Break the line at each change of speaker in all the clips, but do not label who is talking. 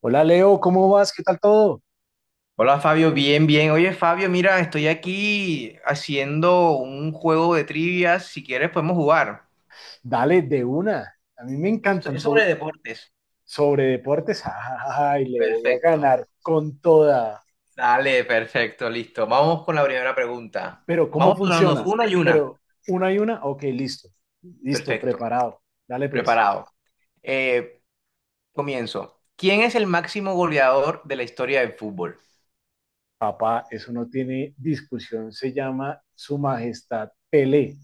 Hola Leo, ¿cómo vas? ¿Qué tal todo?
Hola Fabio, bien, bien. Oye Fabio, mira, estoy aquí haciendo un juego de trivias. Si quieres podemos jugar.
Dale, de una. A mí me
Esto
encantan
es sobre deportes.
sobre deportes. Ay, le voy a
Perfecto.
ganar con toda.
Dale, perfecto, listo. Vamos con la primera pregunta.
Pero, ¿cómo
Vamos turnándonos
funciona?
una y una.
Pero, una y una, ok, listo. Listo,
Perfecto.
preparado. Dale pues.
Preparado. Eh, comienzo. ¿Quién es el máximo goleador de la historia del fútbol?
Papá, eso no tiene discusión. Se llama Su Majestad Pelé.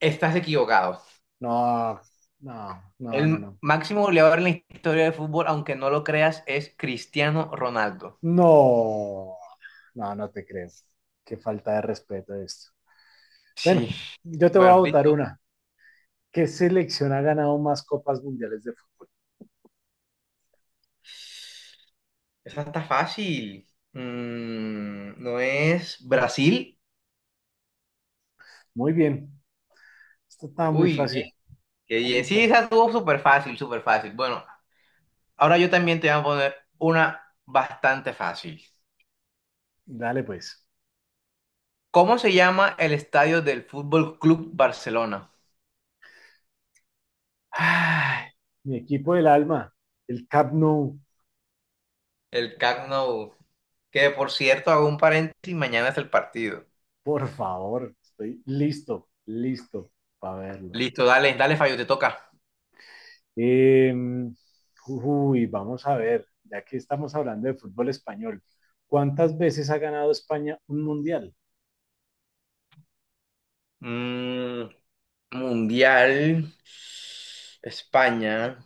Estás equivocado.
No, no, no, no,
El
no.
máximo goleador en la historia del fútbol, aunque no lo creas, es Cristiano Ronaldo.
No, no, no te creo. Qué falta de respeto esto. Bueno,
Sí.
yo te voy a
Bueno,
votar
listo.
una. ¿Qué selección ha ganado más copas mundiales de fútbol?
Esa está fácil. ¿No es Brasil?
Muy bien. Esto estaba muy
Uy, bien,
fácil,
qué
estaba muy
bien. Sí, esa
fácil.
estuvo súper fácil, súper fácil. Bueno, ahora yo también te voy a poner una bastante fácil.
Dale pues.
¿Cómo se llama el estadio del Fútbol Club Barcelona?
Ay, mi equipo del alma, el Cap Nou,
El Camp Nou. Que por cierto, hago un paréntesis, mañana es el partido.
por favor. Estoy listo, listo para verlo.
Listo, dale, dale, fallo te toca.
Eh, uy, vamos a ver, ya que estamos hablando de fútbol español, ¿cuántas veces ha ganado España un mundial?
Mm, Mundial, España.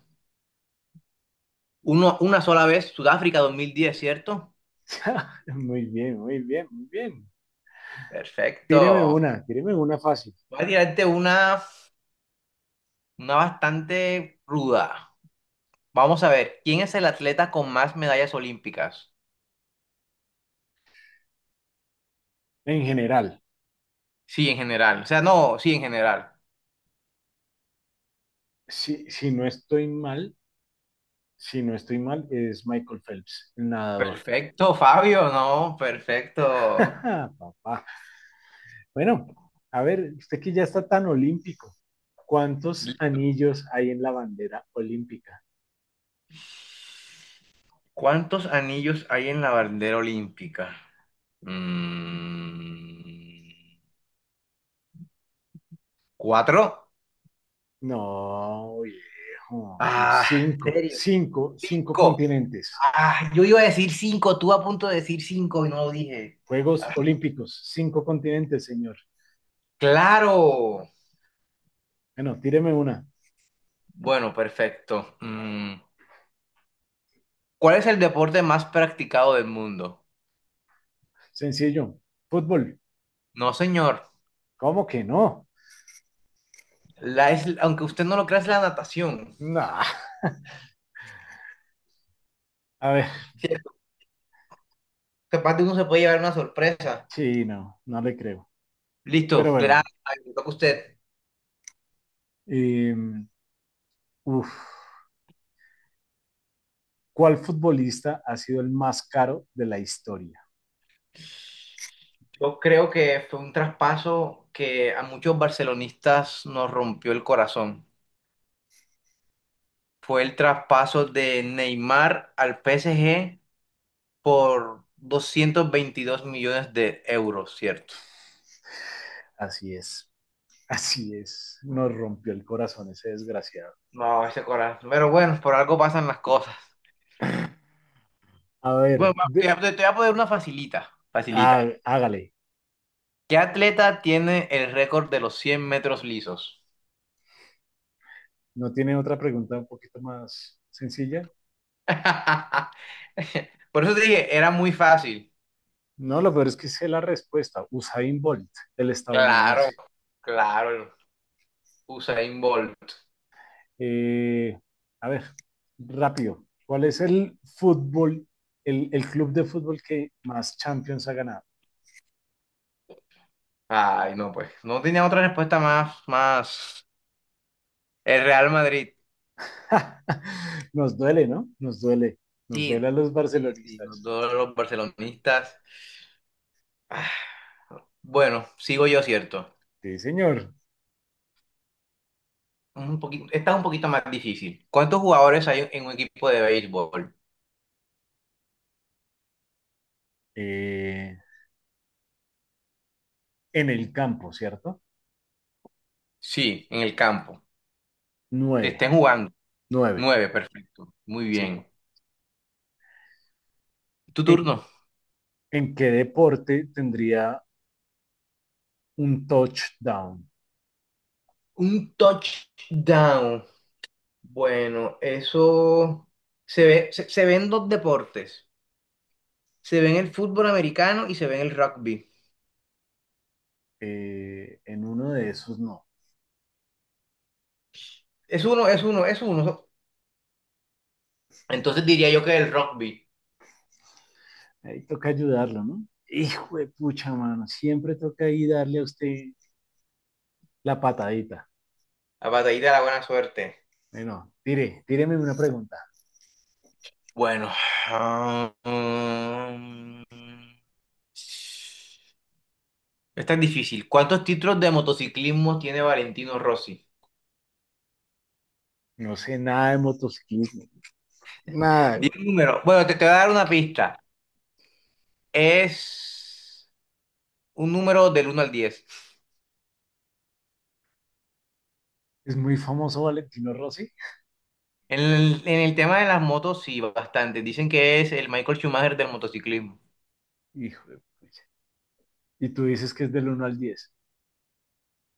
Uno, una sola vez, Sudáfrica 2010, ¿cierto?
Muy bien, muy bien, muy bien.
Perfecto.
Tíreme una fácil,
Voy a tirarte una bastante ruda. Vamos a ver, ¿quién es el atleta con más medallas olímpicas?
en general.
Sí, en general. O sea, no, sí, en general.
Si no estoy mal, si no estoy mal, es Michael Phelps, el nadador.
Perfecto, Fabio, no, perfecto.
Papá. Bueno, a ver, usted que ya está tan olímpico, ¿cuántos anillos hay en la bandera olímpica?
¿Cuántos anillos hay en la bandera olímpica? Mm, ¿Cuatro?
No, viejo, son
Ah, ¿en
cinco,
serio?
cinco, cinco
Cinco.
continentes.
Ah, yo iba a decir cinco, tú a punto de decir cinco y no lo dije.
Juegos Olímpicos, cinco continentes, señor.
Claro.
Bueno, tíreme una.
Bueno, perfecto. ¿Cuál es el deporte más practicado del mundo?
Sencillo. Fútbol.
No, señor.
¿Cómo que no?
Aunque usted no lo crea, es la natación.
No. A ver,
Sí, capaz de uno se puede llevar una sorpresa.
sí, no, no le creo. Pero
Listo,
bueno.
le toca a usted.
Eh, uf, ¿cuál futbolista ha sido el más caro de la historia?
Yo creo que fue un traspaso que a muchos barcelonistas nos rompió el corazón. Fue el traspaso de Neymar al PSG por 222 millones de euros, ¿cierto?
Así es, así es. Nos rompió el corazón ese desgraciado.
No, ese corazón. Pero bueno, por algo pasan las cosas.
A
Bueno,
ver,
va, te, te- te voy a poner una facilita, facilita.
ah, hágale.
¿Qué atleta tiene el récord de los 100 metros lisos?
¿No tiene otra pregunta un poquito más sencilla?
Por eso te dije, era muy fácil.
No, lo peor es que sé la respuesta. Usain Bolt, el estadounidense.
Claro, claro. Usain Bolt.
Eh, a ver, rápido. ¿Cuál es el club de fútbol que más Champions ha ganado?
Ay, no, pues. No tenía otra respuesta más, más. El Real Madrid.
Nos duele, ¿no? Nos duele. Nos
Sí,
duele a los
sí, sí. Los
barcelonistas.
dos los barcelonistas. Ah, bueno, sigo yo, ¿cierto?
Sí, señor.
Un poquito, esta es un poquito más difícil. ¿Cuántos jugadores hay en un equipo de béisbol?
Eh, en el campo, ¿cierto?
Sí, en el campo. Que
Nueve.
estén jugando.
Nueve.
Nueve, perfecto. Muy
Sí.
bien. Tu
¿En,
turno.
en qué deporte tendría un touchdown?
Un touchdown. Bueno, eso se ven dos deportes. Se ven el fútbol americano y se ven el rugby.
En uno de esos no.
Es uno, es uno, es uno. Entonces diría yo que el rugby.
Ahí toca ayudarlo, ¿no? Hijo de pucha, mano. Siempre toca ahí darle a usted la patadita.
La batallita de la buena suerte.
Bueno, tíreme una pregunta.
Bueno, ah, mm, esta es difícil. ¿Cuántos títulos de motociclismo tiene Valentino Rossi?
No sé nada de motociclismo. Nada,
Di
güey.
un número. Bueno, te voy a dar una pista. Es un número del uno al diez.
Es muy famoso Valentino Rossi.
En el tema de las motos, sí, bastante. Dicen que es el Michael Schumacher del motociclismo.
Hijo de pucha. Y tú dices que es del 1 al 10.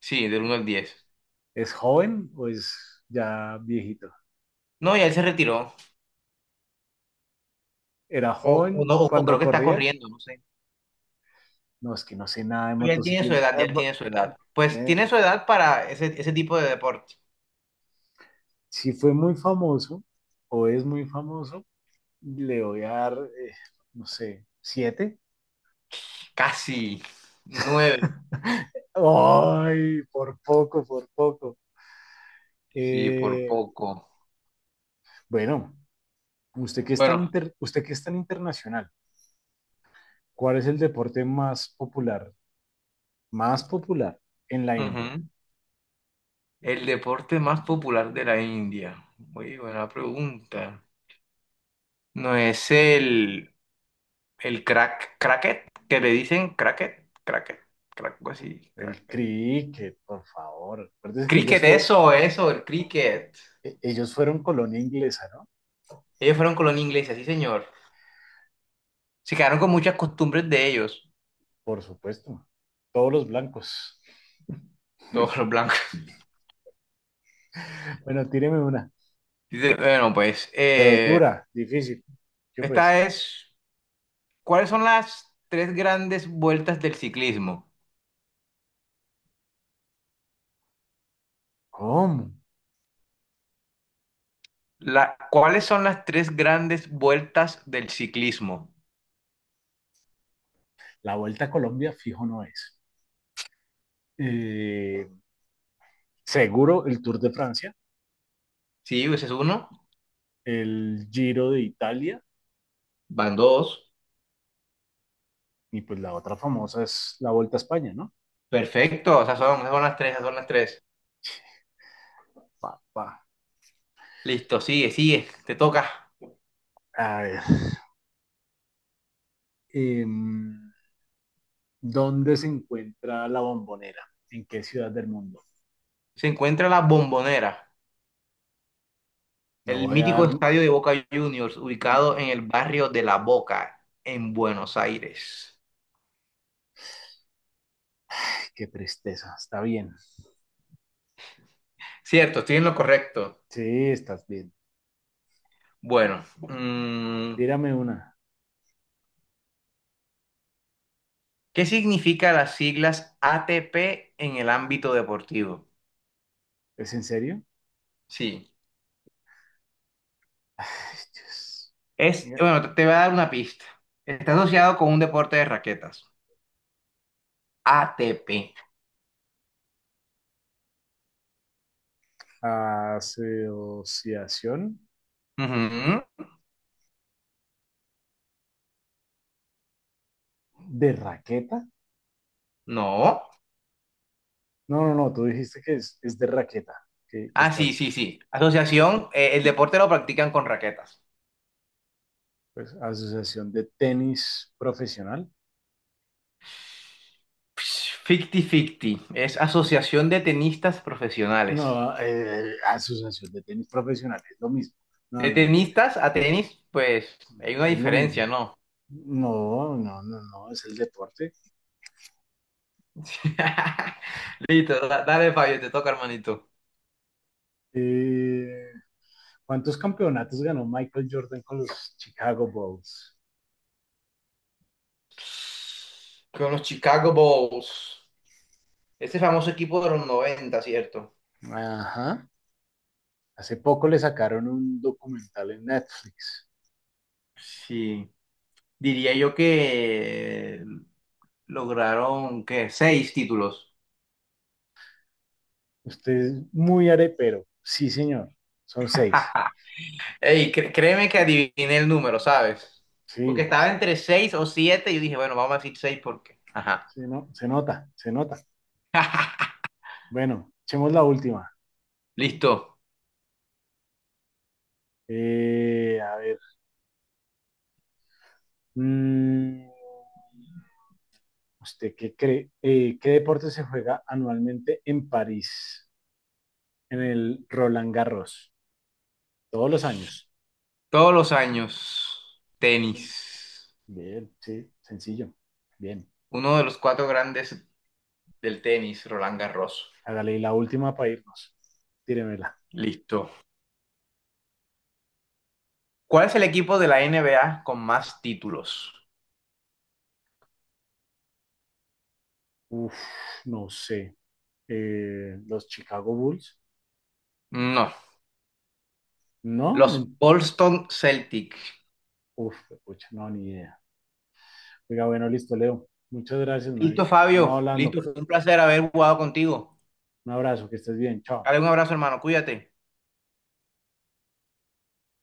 Sí, del uno al diez.
¿Es joven o es ya viejito?
No, ya él se retiró.
¿Era
O, o
joven
no, o o
cuando
creo que está
corría?
corriendo, no sé.
No, es que no sé nada de
Pero ya él tiene su
motociclismo.
edad, ya él tiene su edad. Pues
Eh,
tiene su edad para ese tipo de deporte.
si fue muy famoso o es muy famoso, le voy a dar, eh, no sé, 7.
Casi. Nueve.
Ay, por poco, por poco.
Sí, por
Eh,
poco.
bueno,
Bueno.
usted que es tan internacional, ¿cuál es el deporte más popular en la India?
Ujú. El deporte más popular de la India. Muy buena pregunta. No es el crack, cracket, que le dicen cracket, cracket, crack, algo así,
El
cracket.
cricket, por favor. Acuérdense que
Cricket, eso, el cricket.
ellos fueron colonia inglesa, ¿no?
Ellos fueron colonia inglesa, sí, señor. Se quedaron con muchas costumbres de ellos.
Por supuesto. Todos los blancos.
Todos los blancos.
Bueno, tíreme una.
Dice, bueno, pues,
Pero dura, difícil. Yo pues,
esta es, ¿cuáles son las tres grandes vueltas del ciclismo?
¿cómo?
¿Cuáles son las tres grandes vueltas del ciclismo?
La Vuelta a Colombia fijo no es. Eh, seguro el Tour de Francia,
Sí, ese es uno,
el Giro de Italia
van dos.
y pues la otra famosa es la Vuelta a España, ¿no?
Perfecto, o sea, esas son las tres, esas son las tres.
Papá.
Listo, sigue, sigue, te toca.
A ver. eh, ¿Dónde se encuentra la bombonera? ¿En qué ciudad del mundo?
Se encuentra La Bombonera,
No
el
voy a
mítico
dar.
estadio de Boca Juniors, ubicado en el barrio de La Boca, en Buenos Aires.
Qué tristeza. Está bien.
Cierto, estoy en lo correcto.
Sí, estás bien.
Bueno,
Tírame una.
¿qué significa las siglas ATP en el ámbito deportivo?
¿Es en serio?
Sí,
Ay, Dios.
es,
Mira,
bueno, te voy a dar una pista. Está asociado con un deporte de raquetas. ATP.
asociación
Ujú.
de raqueta.
No.
No, no, no. Tú dijiste que es de raqueta. Que
Ah, sí,
estás.
sí, sí. Asociación, el deporte lo practican con raquetas.
Pues, asociación de tenis profesional.
50-50, es asociación de tenistas profesionales.
No, asociación de tenis profesional. Es lo mismo. No,
De
no, no.
tenistas a tenis, pues hay una
Es lo mismo.
diferencia, ¿no?
No, no, no, no. Es el deporte.
Listo, dale Fabio, te toca, hermanito.
Eh, ¿Cuántos campeonatos ganó Michael Jordan con los Chicago Bulls?
Con los Chicago Bulls. Ese famoso equipo de los noventa, ¿cierto?
Ajá. Hace poco le sacaron un documental en Netflix.
Sí, diría yo que lograron, ¿qué? Seis títulos.
Usted es muy arepero. Sí, señor. Son seis.
Ey, créeme que adiviné el número, ¿sabes? Porque
Sí,
estaba entre 6 o 7 y yo dije, bueno, vamos a decir seis porque. Ajá.
no, se nota, se nota. Bueno, echemos la última.
Listo.
A ver. mm, ¿Usted qué cree? ¿Qué deporte se juega anualmente en París, en el Roland Garros? Todos los años.
Todos los años, tenis.
Bien, sí, sencillo. Bien.
Uno de los cuatro grandes del tenis, Roland Garros.
Hágale y la última para irnos. Tíremela.
Listo. ¿Cuál es el equipo de la NBA con más títulos?
Uf, no sé. Los Chicago Bulls.
No.
No,
Los Boston Celtics.
uf, pucha, no, ni idea. Oiga, bueno, listo, Leo. Muchas gracias,
Listo,
marica. Estamos
Fabio.
hablando.
Listo. Fue un placer haber jugado contigo.
Un abrazo, que estés bien. Chao.
Dale un abrazo, hermano. Cuídate.